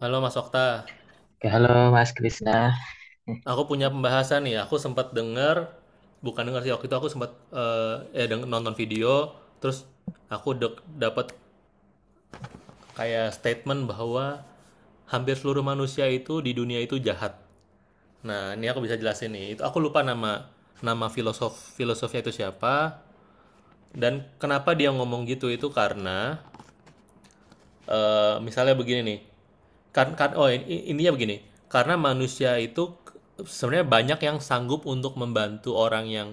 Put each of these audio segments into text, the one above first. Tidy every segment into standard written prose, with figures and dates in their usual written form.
Halo Mas Okta, Oke, halo Mas Krisna. aku punya pembahasan nih. Aku sempat dengar, bukan dengar sih waktu itu aku sempat nonton video, terus aku dapat kayak statement bahwa hampir seluruh manusia itu di dunia itu jahat. Nah, ini aku bisa jelasin nih. Itu aku lupa nama nama filosof filosofnya itu siapa dan kenapa dia ngomong gitu itu karena misalnya begini nih. Kan kan oh ini intinya begini, karena manusia itu sebenarnya banyak yang sanggup untuk membantu orang yang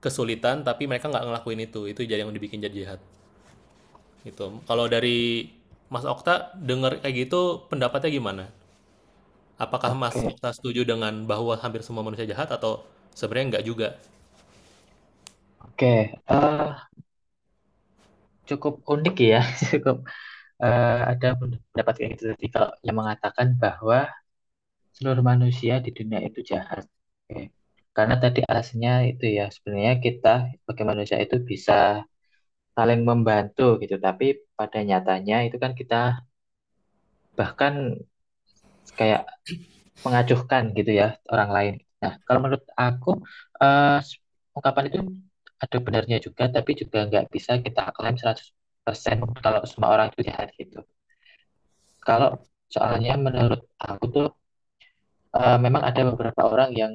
kesulitan, tapi mereka nggak ngelakuin itu. Itu jadi yang dibikin jadi jahat gitu. Kalau dari Mas Okta dengar kayak gitu, pendapatnya gimana? Apakah Mas Oke, Okta setuju dengan bahwa hampir semua manusia jahat atau sebenarnya nggak juga? oke. Eh, cukup unik ya, cukup ada pendapat kayak gitu tadi kalau yang mengatakan bahwa seluruh manusia di dunia itu jahat. Oke. Karena tadi alasannya itu ya, sebenarnya kita sebagai manusia itu bisa saling membantu gitu, tapi pada nyatanya itu kan kita bahkan kayak mengacuhkan gitu ya orang lain. Nah, kalau menurut aku eh, ungkapan itu ada benarnya juga, tapi juga nggak bisa kita klaim seratus persen kalau semua orang itu jahat gitu. Kalau soalnya menurut aku tuh memang ada beberapa orang yang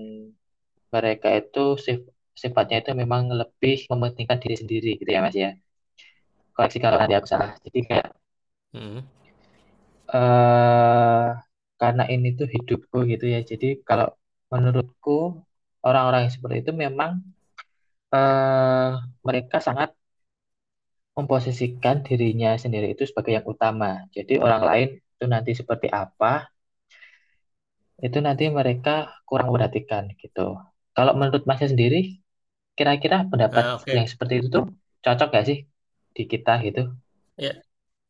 mereka itu sif- sifatnya itu memang lebih mementingkan diri sendiri gitu ya Mas ya. Koreksi kalau nanti aku salah. Jadi kayak Hmm. eh karena ini tuh hidupku gitu ya. Jadi kalau menurutku orang-orang yang seperti itu memang eh, mereka sangat memposisikan dirinya sendiri itu sebagai yang utama. Jadi orang lain itu nanti seperti apa, itu nanti mereka kurang perhatikan gitu. Kalau menurut Masnya sendiri, kira-kira pendapat Nah, yang oke. seperti itu tuh cocok gak sih di kita gitu? Ya,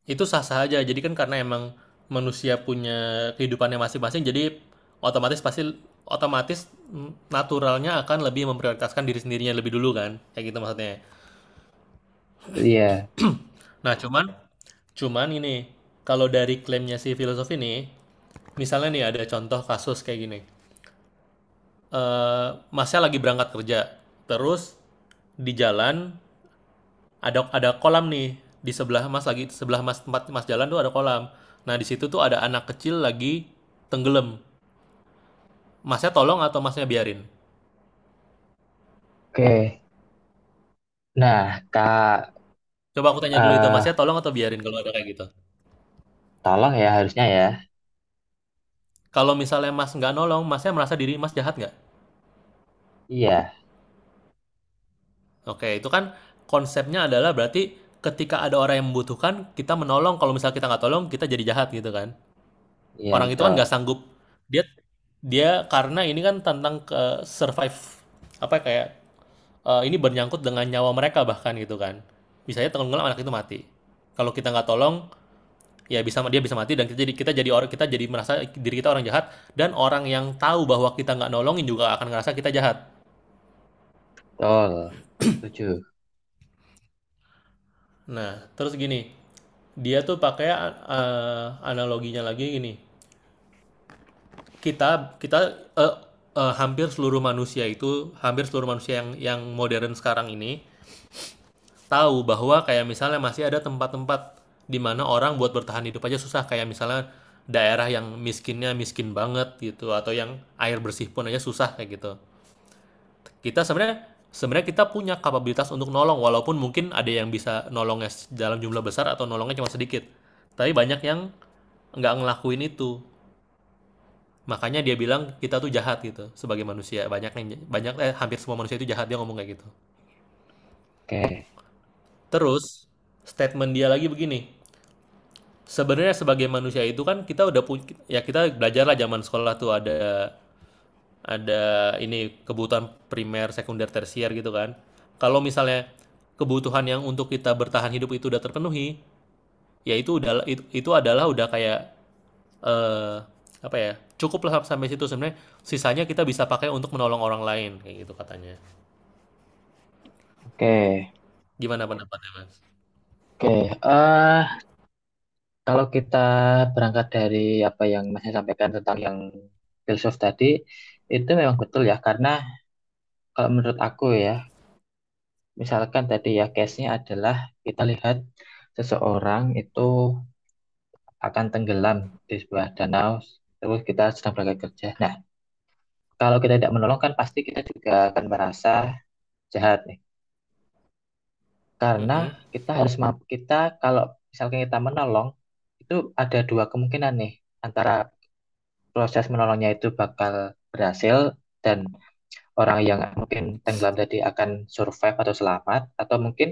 itu sah-sah aja. Jadi kan karena emang manusia punya kehidupannya masing-masing, jadi otomatis pasti otomatis naturalnya akan lebih memprioritaskan diri sendirinya lebih dulu kan. Kayak gitu maksudnya. Iya, Nah, cuman cuman ini kalau dari klaimnya si filosof ini, misalnya nih ada contoh kasus kayak gini. Eh, Masnya lagi berangkat kerja, terus di jalan ada kolam nih di sebelah mas lagi sebelah mas tempat mas jalan tuh ada kolam. Nah di situ tuh ada anak kecil lagi tenggelam. Masnya tolong atau Masnya biarin? oke. Nah, Kak, Coba aku tanya dulu itu, eh, Masnya tolong atau biarin kalau ada kayak gitu? tolong ya harusnya ya. Kalau misalnya Mas nggak nolong, Masnya merasa diri Mas jahat nggak? Iya, Oke, itu kan konsepnya adalah berarti ketika ada orang yang membutuhkan, kita menolong, kalau misalnya kita nggak tolong, kita jadi jahat gitu kan. iya Orang itu kan betul, nggak sanggup. Dia dia karena ini kan tentang ke survive, apa ya, kayak, ini bernyangkut dengan nyawa mereka bahkan gitu kan. Misalnya tenggelam anak itu mati. Kalau kita nggak tolong, ya dia bisa mati, dan kita jadi merasa diri kita orang jahat, dan orang yang tahu bahwa kita nggak nolongin juga akan ngerasa kita jahat. betul, setuju. Nah, terus gini, dia tuh pakai analoginya lagi gini. Kita kita eh, eh, hampir seluruh manusia itu hampir seluruh manusia yang modern sekarang ini tahu bahwa kayak misalnya masih ada tempat-tempat di mana orang buat bertahan hidup aja susah, kayak misalnya daerah yang miskinnya miskin banget gitu atau yang air bersih pun aja susah kayak gitu. Kita sebenarnya sebenarnya kita punya kapabilitas untuk nolong, walaupun mungkin ada yang bisa nolongnya dalam jumlah besar atau nolongnya cuma sedikit. Tapi banyak yang nggak ngelakuin itu. Makanya dia bilang kita tuh jahat gitu sebagai manusia. Banyak yang banyak eh, Hampir semua manusia itu jahat, dia ngomong kayak gitu. Oke, Terus statement dia lagi begini. Sebenarnya sebagai manusia itu kan kita udah punya, ya kita belajar lah zaman sekolah tuh ada ini kebutuhan primer, sekunder, tersier gitu kan. Kalau misalnya kebutuhan yang untuk kita bertahan hidup itu udah terpenuhi, ya itu udah itu adalah udah kayak eh, apa ya? Cukuplah sampai situ sebenarnya. Sisanya kita bisa pakai untuk menolong orang lain kayak gitu katanya. oke, Gimana pendapatnya, Mas? oke. Eh, Kalau kita berangkat dari apa yang Masnya sampaikan tentang yang filsuf tadi, itu memang betul ya, karena kalau menurut aku ya, misalkan tadi ya case-nya adalah kita lihat seseorang itu akan tenggelam di sebuah danau, terus kita sedang berangkat kerja. Nah, kalau kita tidak menolong kan pasti kita juga akan merasa jahat nih, karena Mm-mm. kita harus mampu kita kalau misalkan kita menolong itu ada dua kemungkinan nih antara proses menolongnya itu bakal berhasil dan orang yang mungkin tenggelam tadi akan survive atau selamat atau mungkin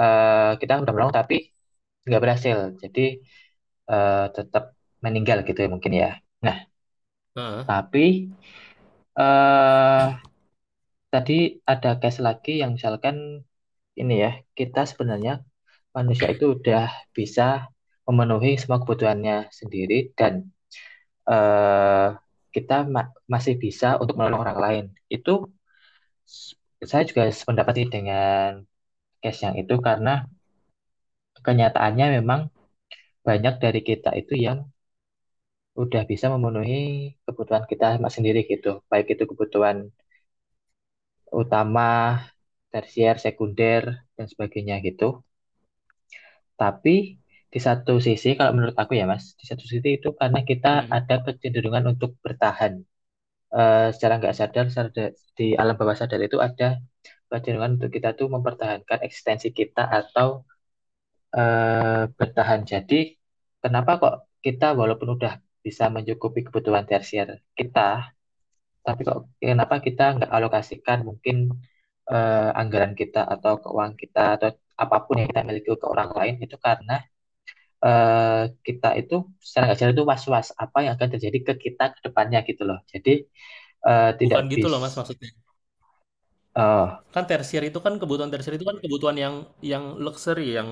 kita udah menolong tapi nggak berhasil jadi tetap meninggal gitu ya mungkin ya nah Heeh. tapi eh tadi ada case lagi yang misalkan ini ya kita sebenarnya manusia itu udah bisa memenuhi semua kebutuhannya sendiri dan eh kita masih bisa untuk menolong orang lain itu. Saya juga sependapat sih dengan case yang itu karena kenyataannya memang banyak dari kita itu yang udah bisa memenuhi kebutuhan kita sendiri gitu. Baik itu kebutuhan utama, tersier, sekunder, dan sebagainya gitu. Tapi di satu sisi, kalau menurut aku ya Mas, di satu sisi itu karena kita Mm-mm. ada kecenderungan untuk bertahan. Secara nggak sadar, di alam bawah sadar itu ada kecenderungan untuk kita tuh mempertahankan eksistensi kita atau bertahan. Jadi, kenapa kok kita walaupun udah bisa mencukupi kebutuhan tersier kita, tapi kok kenapa kita nggak alokasikan mungkin anggaran kita atau keuangan kita atau apapun yang kita miliki ke orang lain itu karena kita itu secara nggak sadar itu was-was apa yang akan terjadi ke kita ke depannya gitu loh. Jadi tidak Bukan gitu loh, Mas, bisa. maksudnya. Oh Kan kebutuhan tersier itu kan kebutuhan yang luxury, yang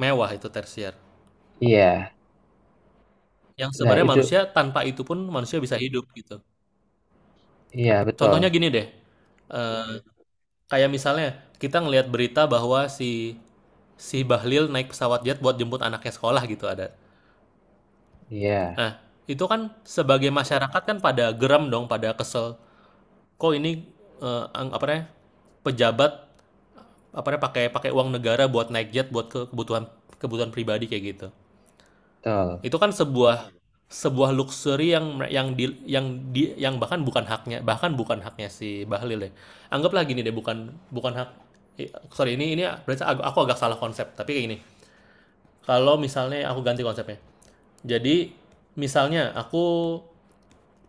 mewah itu tersier. iya, Yang nah sebenarnya itu manusia tanpa itu pun manusia bisa hidup gitu. iya betul, Contohnya gini deh, eee, kayak misalnya kita ngelihat berita bahwa si si Bahlil naik pesawat jet buat jemput anaknya sekolah gitu ada. iya Nah, itu kan sebagai masyarakat kan pada geram dong, pada kesel, kok ini, eee, ang apa namanya, pejabat, apa namanya, pakai pakai uang negara buat naik jet buat ke kebutuhan kebutuhan pribadi kayak gitu. betul, Itu kan sebuah sebuah luxury yang di yang di yang bahkan bukan haknya, si Bahlil ya. Anggaplah gini deh, bukan bukan hak, sorry ini berarti aku agak salah konsep, tapi kayak gini. Kalau misalnya aku ganti konsepnya. Jadi misalnya aku,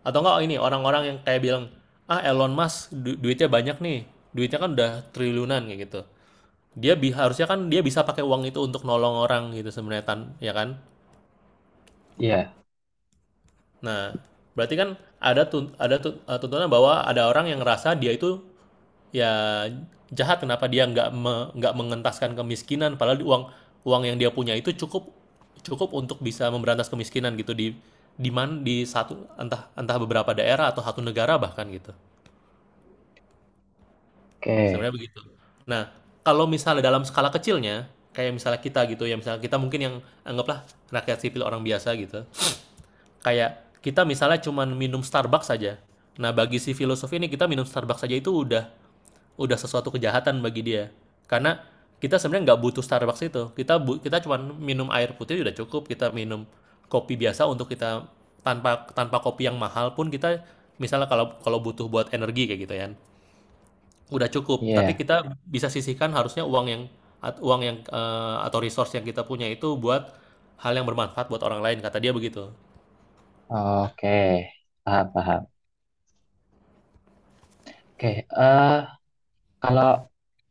atau enggak ini orang-orang yang kayak bilang, "Ah Elon Musk duitnya banyak nih. Duitnya kan udah triliunan kayak gitu." Dia bi Harusnya kan dia bisa pakai uang itu untuk nolong orang gitu sebenarnya ya kan? iya Nah, berarti kan tuntunan bahwa ada orang yang ngerasa dia itu ya jahat, kenapa dia nggak mengentaskan kemiskinan, padahal uang uang yang dia punya itu cukup cukup untuk bisa memberantas kemiskinan gitu di mana, di satu, entah entah beberapa daerah atau satu negara bahkan gitu. Sebenarnya oke, begitu. Nah, kalau misalnya dalam skala kecilnya kayak misalnya kita gitu ya, misalnya kita mungkin yang anggaplah rakyat sipil orang biasa gitu. Kayak kita misalnya cuman minum Starbucks saja. Nah, bagi si filosof ini kita minum Starbucks saja itu udah sesuatu kejahatan bagi dia. Karena kita sebenarnya nggak butuh Starbucks itu. Kita cuman minum air putih udah cukup. Kita minum kopi biasa untuk kita, tanpa tanpa kopi yang mahal pun kita misalnya kalau kalau butuh buat energi kayak gitu ya. Udah cukup, tapi iya. kita bisa sisihkan harusnya uang yang, uang yang atau resource yang kita punya itu buat hal yang bermanfaat buat orang lain, kata dia begitu. Oke, paham, paham. Oke, eh kalau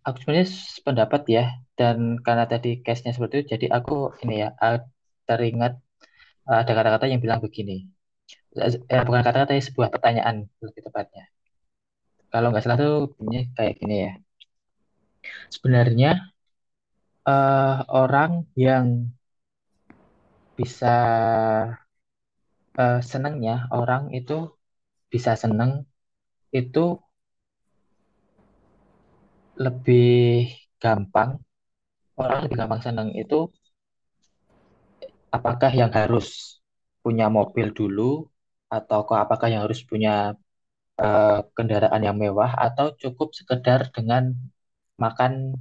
aku sebenarnya pendapat ya, dan karena tadi case-nya seperti itu, jadi aku ini ya, teringat ada kata-kata yang bilang begini. Bukan kata-kata, ya, sebuah pertanyaan lebih tepatnya. Kalau nggak salah tuh bunyinya kayak gini ya. Sebenarnya eh, orang yang bisa senangnya, orang itu bisa senang itu lebih gampang, orang lebih gampang senang itu apakah yang harus punya mobil dulu atau apakah yang harus punya kendaraan yang mewah atau cukup sekedar dengan makan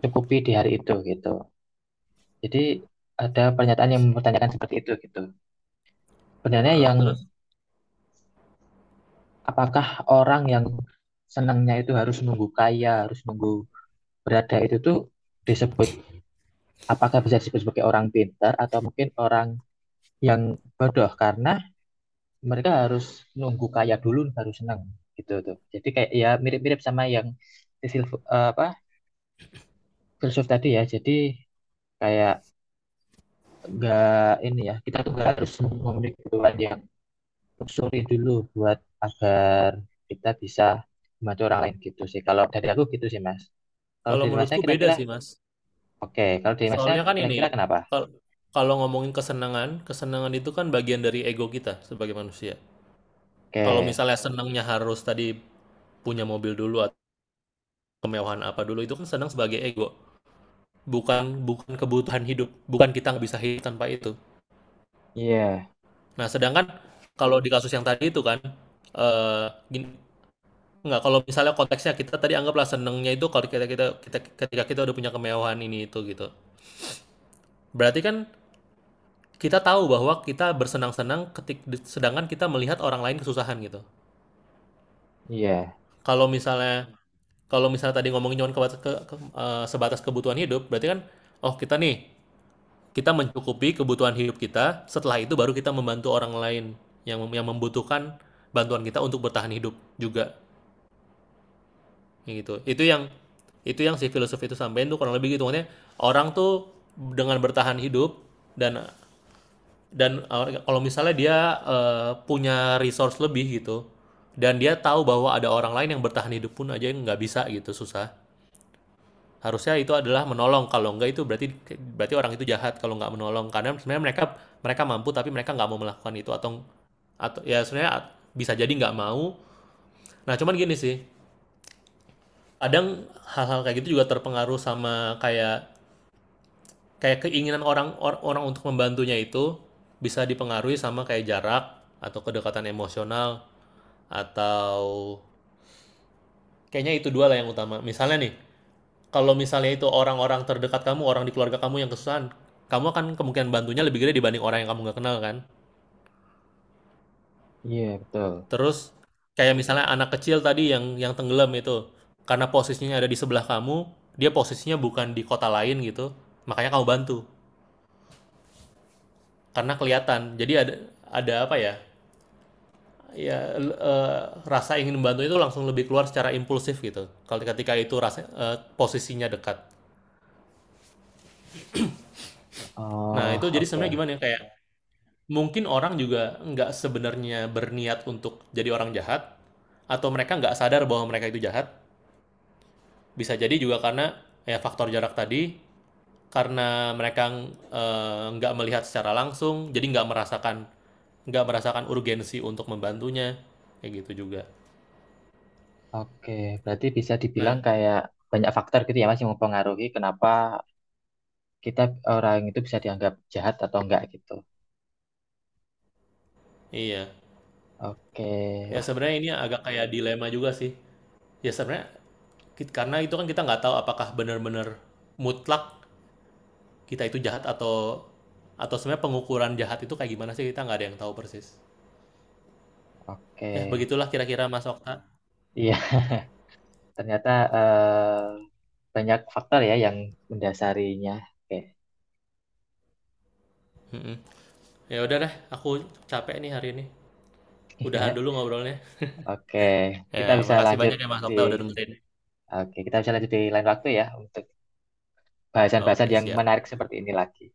cukupi di hari itu gitu. Jadi ada pernyataan yang mempertanyakan seperti itu gitu. Sebenarnya Heeh. yang Terus. apakah orang yang senangnya itu harus nunggu kaya, harus nunggu berada itu tuh disebut apakah bisa disebut sebagai orang pintar atau mungkin orang yang bodoh karena mereka harus nunggu kaya dulu baru senang gitu tuh. Jadi kayak ya mirip-mirip sama yang di apa filsuf tadi ya. Jadi kayak nggak ini ya kita tuh nggak harus memiliki kebutuhan yang luxury dulu buat agar kita bisa membantu orang lain gitu sih. Kalau dari aku gitu sih Mas. Kalau Kalau dari Masnya menurutku beda kira-kira sih, Mas. oke. Kalau dari Masnya Soalnya kan ini, kira-kira kenapa? kal- kalau ngomongin kesenangan, kesenangan itu kan bagian dari ego kita sebagai manusia. Kalau Oke. misalnya senangnya harus tadi punya mobil dulu atau kemewahan apa dulu, itu kan senang sebagai ego. Bukan bukan kebutuhan hidup, bukan, kita nggak bisa hidup tanpa itu. Iya, Nah, sedangkan kalau di kasus yang tadi itu kan, eh gini, nggak, kalau misalnya konteksnya kita tadi anggaplah senangnya itu kalau kita kita kita ketika kita udah punya kemewahan ini itu gitu. Berarti kan, kita tahu bahwa kita bersenang-senang sedangkan kita melihat orang lain kesusahan gitu. iya, Kalau misalnya Mhm. Kalau misalnya tadi ngomongin cuma kebat ke eee, sebatas kebutuhan hidup, berarti kan, oh kita nih, kita mencukupi kebutuhan hidup kita, setelah itu baru kita membantu orang lain yang membutuhkan bantuan kita untuk bertahan hidup juga, gitu. Itu yang si filosof itu sampein tuh kurang lebih gitu, maksudnya orang tuh dengan bertahan hidup, dan Dan kalau misalnya dia, punya resource lebih gitu, dan dia tahu bahwa ada orang lain yang bertahan hidup pun aja yang nggak bisa gitu, susah. Harusnya itu adalah menolong, kalau nggak itu berarti berarti orang itu jahat kalau nggak menolong. Karena sebenarnya mereka mereka mampu, tapi mereka nggak mau melakukan itu, atau ya sebenarnya bisa jadi nggak mau. Nah, cuman gini sih, kadang hal-hal kayak gitu juga terpengaruh sama kayak kayak keinginan orang, orang untuk membantunya itu bisa dipengaruhi sama kayak jarak atau kedekatan emosional, atau kayaknya itu dua lah yang utama. Misalnya nih, kalau misalnya itu orang-orang terdekat kamu, orang di keluarga kamu yang kesusahan, kamu akan kemungkinan bantunya lebih gede dibanding orang yang kamu nggak kenal kan. iya betul. Terus kayak misalnya anak kecil tadi yang tenggelam itu, karena posisinya ada di sebelah kamu, dia posisinya bukan di kota lain gitu, makanya kamu bantu karena kelihatan. Jadi ada apa ya? Rasa ingin membantu itu langsung lebih keluar secara impulsif gitu, kalau ketika itu rasa posisinya dekat. Nah, Oh, itu jadi oke. sebenarnya gimana ya? Kayak, mungkin orang juga nggak sebenarnya berniat untuk jadi orang jahat, atau mereka nggak sadar bahwa mereka itu jahat. Bisa jadi juga karena ya faktor jarak tadi, karena mereka nggak melihat secara langsung, jadi nggak merasakan urgensi untuk membantunya, kayak gitu juga. Oke, berarti bisa Nah, dibilang kayak banyak faktor gitu ya Mas yang mempengaruhi kenapa kita orang itu bisa dianggap jahat atau enggak gitu. iya. Oke, Ya wah, sebenarnya ini agak kayak dilema juga sih. Ya sebenarnya karena itu kan kita nggak tahu apakah benar-benar mutlak kita itu jahat, atau sebenarnya pengukuran jahat itu kayak gimana sih, kita nggak ada yang tahu persis. oke. Ya begitulah kira-kira Mas Okta. Iya, ternyata eh, banyak faktor ya yang mendasarinya. Oke. Mhm. Ya udah deh, aku capek nih hari ini. Udahan Iya. dulu ngobrolnya. Oke, Ya kita bisa makasih lanjut banyak ya Mas di Okta udah dengerin. Oke, kita bisa lanjut di lain waktu ya untuk bahasan-bahasan Oke, yang siap. menarik seperti ini lagi.